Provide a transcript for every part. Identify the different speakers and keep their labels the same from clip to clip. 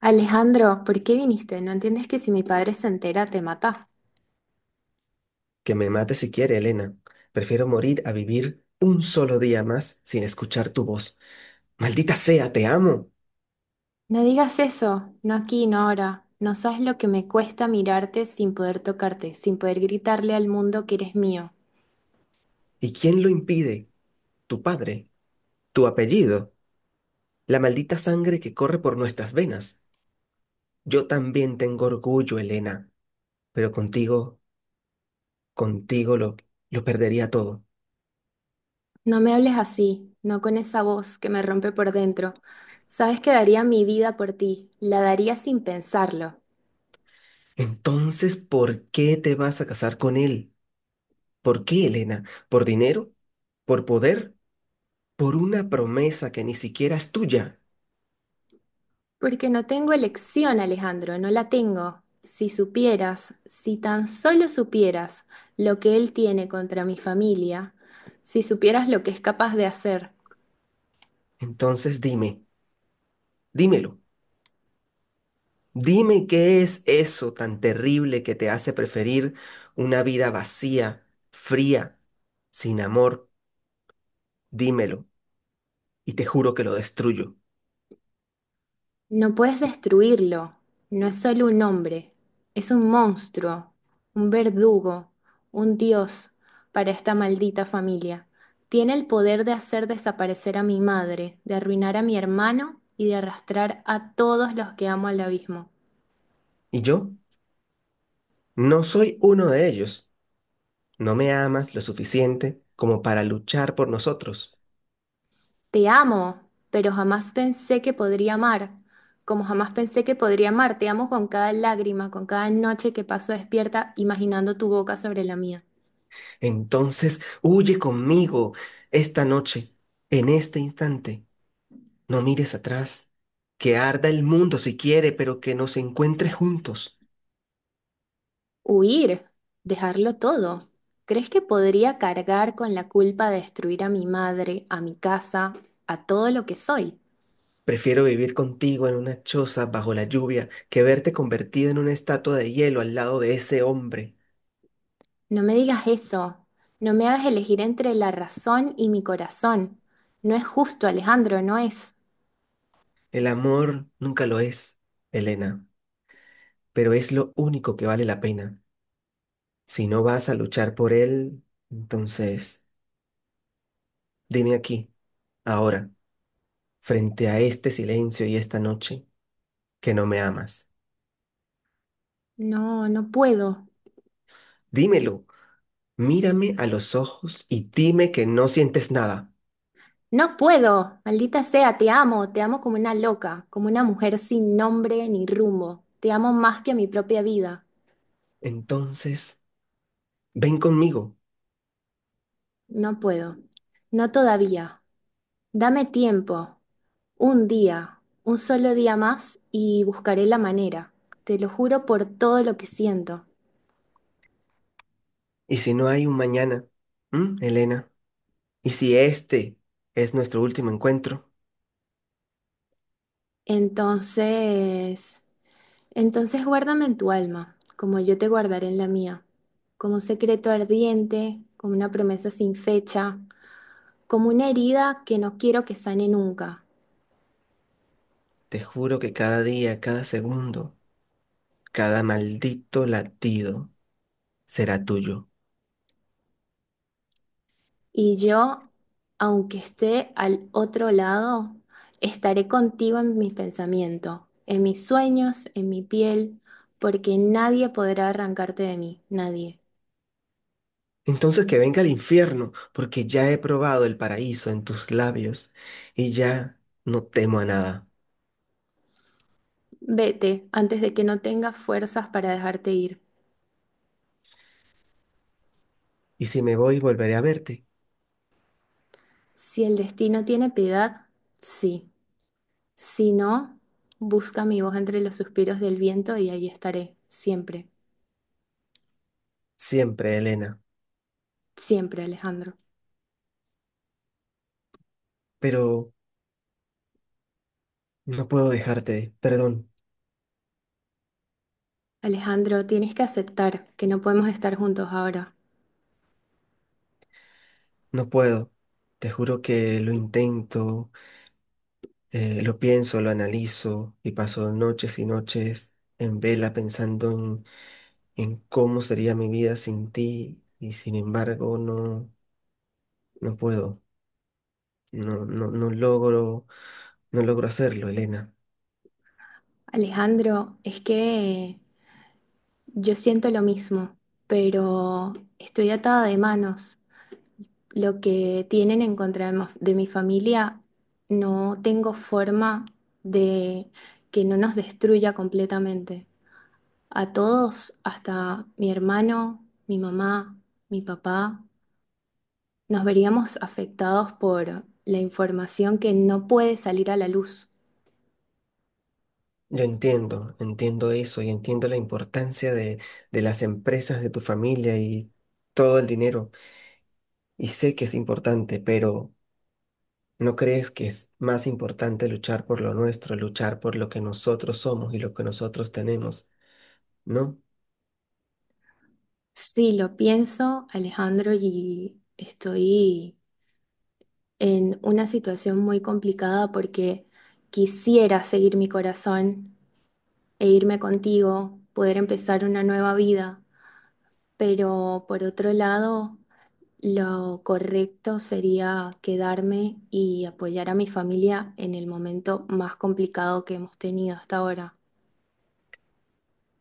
Speaker 1: Alejandro, ¿por qué viniste? ¿No entiendes que si mi padre se entera te mata?
Speaker 2: Que me mate si quiere, Elena. Prefiero morir a vivir un solo día más sin escuchar tu voz. Maldita sea, te amo.
Speaker 1: No digas eso, no aquí, no ahora. No sabes lo que me cuesta mirarte sin poder tocarte, sin poder gritarle al mundo que eres mío.
Speaker 2: ¿Y quién lo impide? Tu padre, tu apellido, la maldita sangre que corre por nuestras venas. Yo también tengo orgullo, Elena, pero contigo, contigo lo perdería todo.
Speaker 1: No me hables así, no con esa voz que me rompe por dentro. Sabes que daría mi vida por ti, la daría sin pensarlo.
Speaker 2: Entonces, ¿por qué te vas a casar con él? ¿Por qué, Elena? ¿Por dinero? ¿Por poder? ¿Por una promesa que ni siquiera es tuya?
Speaker 1: Porque no tengo elección, Alejandro, no la tengo. Si supieras, si tan solo supieras lo que él tiene contra mi familia, si supieras lo que es capaz de hacer,
Speaker 2: Entonces dime, dímelo. Dime qué es eso tan terrible que te hace preferir una vida vacía, fría, sin amor. Dímelo, y te juro que lo destruyo.
Speaker 1: no puedes destruirlo. No es solo un hombre, es un monstruo, un verdugo, un dios para esta maldita familia. Tiene el poder de hacer desaparecer a mi madre, de arruinar a mi hermano y de arrastrar a todos los que amo al abismo.
Speaker 2: ¿Y yo? No soy uno de ellos. No me amas lo suficiente como para luchar por nosotros.
Speaker 1: Te amo, pero jamás pensé que podría amar, como jamás pensé que podría amar. Te amo con cada lágrima, con cada noche que paso despierta imaginando tu boca sobre la mía.
Speaker 2: Entonces, huye conmigo esta noche, en este instante. No mires atrás. Que arda el mundo si quiere, pero que nos encuentre juntos.
Speaker 1: Huir, dejarlo todo. ¿Crees que podría cargar con la culpa de destruir a mi madre, a mi casa, a todo lo que soy?
Speaker 2: Prefiero vivir contigo en una choza bajo la lluvia que verte convertida en una estatua de hielo al lado de ese hombre.
Speaker 1: No me digas eso. No me hagas elegir entre la razón y mi corazón. No es justo, Alejandro, no es.
Speaker 2: El amor nunca lo es, Elena, pero es lo único que vale la pena. Si no vas a luchar por él, entonces dime aquí, ahora, frente a este silencio y esta noche, que no me amas.
Speaker 1: No, no puedo.
Speaker 2: Dímelo, mírame a los ojos y dime que no sientes nada.
Speaker 1: No puedo, maldita sea, te amo como una loca, como una mujer sin nombre ni rumbo. Te amo más que a mi propia vida.
Speaker 2: Entonces, ven conmigo.
Speaker 1: No puedo, no todavía. Dame tiempo, un día, un solo día más y buscaré la manera. Te lo juro por todo lo que siento.
Speaker 2: Y si no hay un mañana, ¿ Elena? Y si este es nuestro último encuentro,
Speaker 1: Entonces, entonces, guárdame en tu alma, como yo te guardaré en la mía, como un secreto ardiente, como una promesa sin fecha, como una herida que no quiero que sane nunca.
Speaker 2: te juro que cada día, cada segundo, cada maldito latido será tuyo.
Speaker 1: Y yo, aunque esté al otro lado, estaré contigo en mi pensamiento, en mis sueños, en mi piel, porque nadie podrá arrancarte de mí, nadie.
Speaker 2: Entonces que venga el infierno, porque ya he probado el paraíso en tus labios y ya no temo a nada.
Speaker 1: Vete antes de que no tengas fuerzas para dejarte ir.
Speaker 2: Y si me voy, volveré a verte.
Speaker 1: Si el destino tiene piedad, sí. Si no, busca mi voz entre los suspiros del viento y ahí estaré, siempre,
Speaker 2: Siempre, Elena.
Speaker 1: siempre, Alejandro.
Speaker 2: Pero no puedo dejarte, perdón,
Speaker 1: Alejandro, tienes que aceptar que no podemos estar juntos ahora.
Speaker 2: no puedo. Te juro que lo intento. Lo pienso, lo analizo y paso noches y noches en vela pensando en cómo sería mi vida sin ti, y sin embargo no puedo, no logro, no logro hacerlo, Elena.
Speaker 1: Alejandro, es que yo siento lo mismo, pero estoy atada de manos. Lo que tienen en contra de mi familia, no tengo forma de que no nos destruya completamente. A todos, hasta mi hermano, mi mamá, mi papá, nos veríamos afectados por la información que no puede salir a la luz.
Speaker 2: Yo entiendo, entiendo eso y entiendo la importancia de las empresas, de tu familia y todo el dinero, y sé que es importante, pero ¿no crees que es más importante luchar por lo nuestro, luchar por lo que nosotros somos y lo que nosotros tenemos? ¿No?
Speaker 1: Sí, lo pienso, Alejandro, y estoy en una situación muy complicada porque quisiera seguir mi corazón e irme contigo, poder empezar una nueva vida, pero por otro lado, lo correcto sería quedarme y apoyar a mi familia en el momento más complicado que hemos tenido hasta ahora.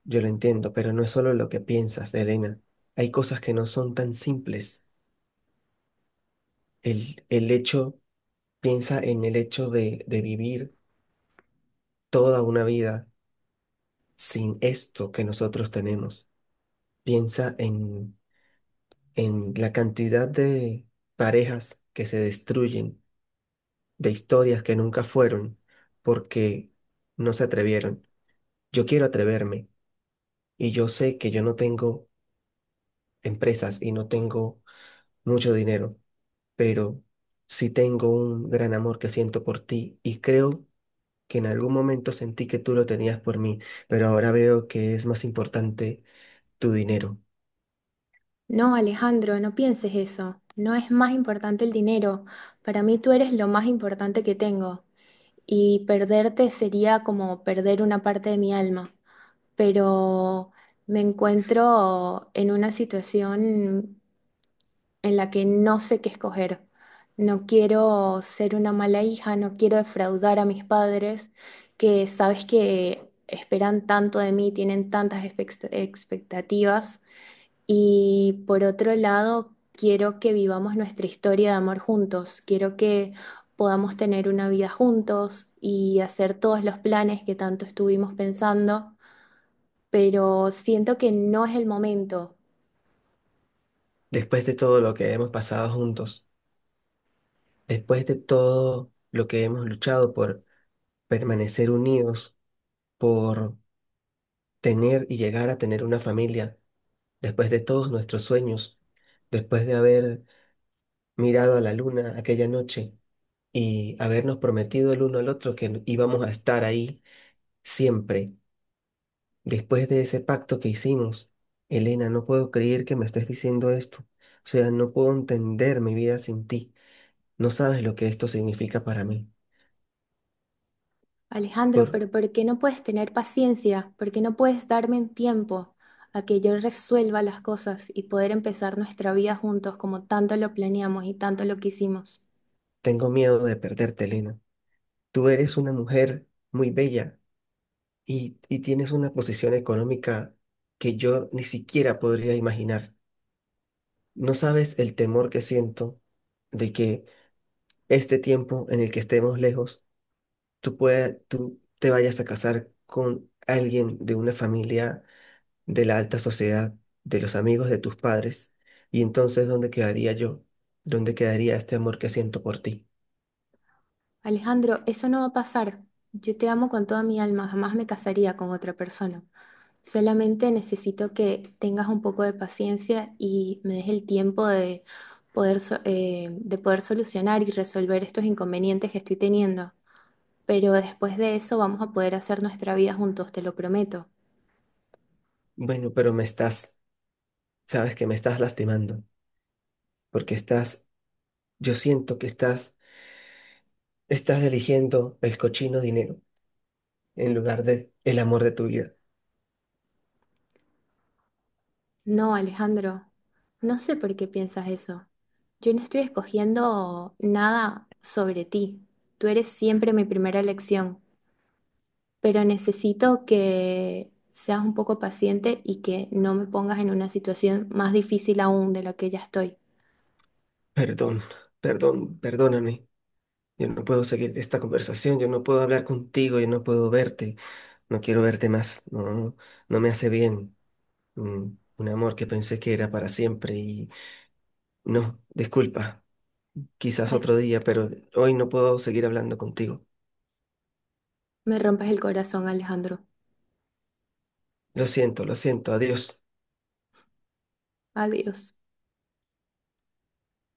Speaker 2: Yo lo entiendo, pero no es solo lo que piensas, Elena. Hay cosas que no son tan simples. El hecho, piensa en el hecho de vivir toda una vida sin esto que nosotros tenemos. Piensa en la cantidad de parejas que se destruyen, de historias que nunca fueron, porque no se atrevieron. Yo quiero atreverme, y yo sé que yo no tengo empresas y no tengo mucho dinero, pero sí tengo un gran amor que siento por ti, y creo que en algún momento sentí que tú lo tenías por mí, pero ahora veo que es más importante tu dinero.
Speaker 1: No, Alejandro, no pienses eso. No es más importante el dinero. Para mí tú eres lo más importante que tengo. Y perderte sería como perder una parte de mi alma, pero me encuentro en una situación en la que no sé qué escoger. No quiero ser una mala hija, no quiero defraudar a mis padres, que sabes que esperan tanto de mí, tienen tantas expectativas, y por otro lado, quiero que vivamos nuestra historia de amor juntos. Quiero que podamos tener una vida juntos y hacer todos los planes que tanto estuvimos pensando, pero siento que no es el momento.
Speaker 2: Después de todo lo que hemos pasado juntos, después de todo lo que hemos luchado por permanecer unidos, por tener y llegar a tener una familia, después de todos nuestros sueños, después de haber mirado a la luna aquella noche y habernos prometido el uno al otro que íbamos a estar ahí siempre, después de ese pacto que hicimos, Elena, no puedo creer que me estés diciendo esto. O sea, no puedo entender mi vida sin ti. No sabes lo que esto significa para mí. Por,
Speaker 1: Alejandro, pero ¿por qué no puedes tener paciencia? ¿Por qué no puedes darme un tiempo a que yo resuelva las cosas y poder empezar nuestra vida juntos como tanto lo planeamos y tanto lo quisimos?
Speaker 2: Tengo miedo de perderte, Elena. Tú eres una mujer muy bella y tienes una posición económica que yo ni siquiera podría imaginar. No sabes el temor que siento de que este tiempo en el que estemos lejos tú te vayas a casar con alguien de una familia de la alta sociedad, de los amigos de tus padres, y entonces, ¿dónde quedaría yo? ¿Dónde quedaría este amor que siento por ti?
Speaker 1: Alejandro, eso no va a pasar. Yo te amo con toda mi alma, jamás me casaría con otra persona. Solamente necesito que tengas un poco de paciencia y me des el tiempo de de poder solucionar y resolver estos inconvenientes que estoy teniendo. Pero después de eso vamos a poder hacer nuestra vida juntos, te lo prometo.
Speaker 2: Bueno, pero sabes que me estás lastimando, porque yo siento que estás eligiendo el cochino dinero en lugar de el amor de tu vida.
Speaker 1: No, Alejandro, no sé por qué piensas eso. Yo no estoy escogiendo nada sobre ti. Tú eres siempre mi primera elección. Pero necesito que seas un poco paciente y que no me pongas en una situación más difícil aún de la que ya estoy.
Speaker 2: Perdón, perdón, perdóname. Yo no puedo seguir esta conversación, yo no puedo hablar contigo, yo no puedo verte. No quiero verte más, no, no me hace bien. Mm. Un amor que pensé que era para siempre y no, disculpa, quizás
Speaker 1: Ay,
Speaker 2: otro día, pero hoy no puedo seguir hablando contigo.
Speaker 1: me rompes el corazón, Alejandro.
Speaker 2: Lo siento, adiós.
Speaker 1: Adiós.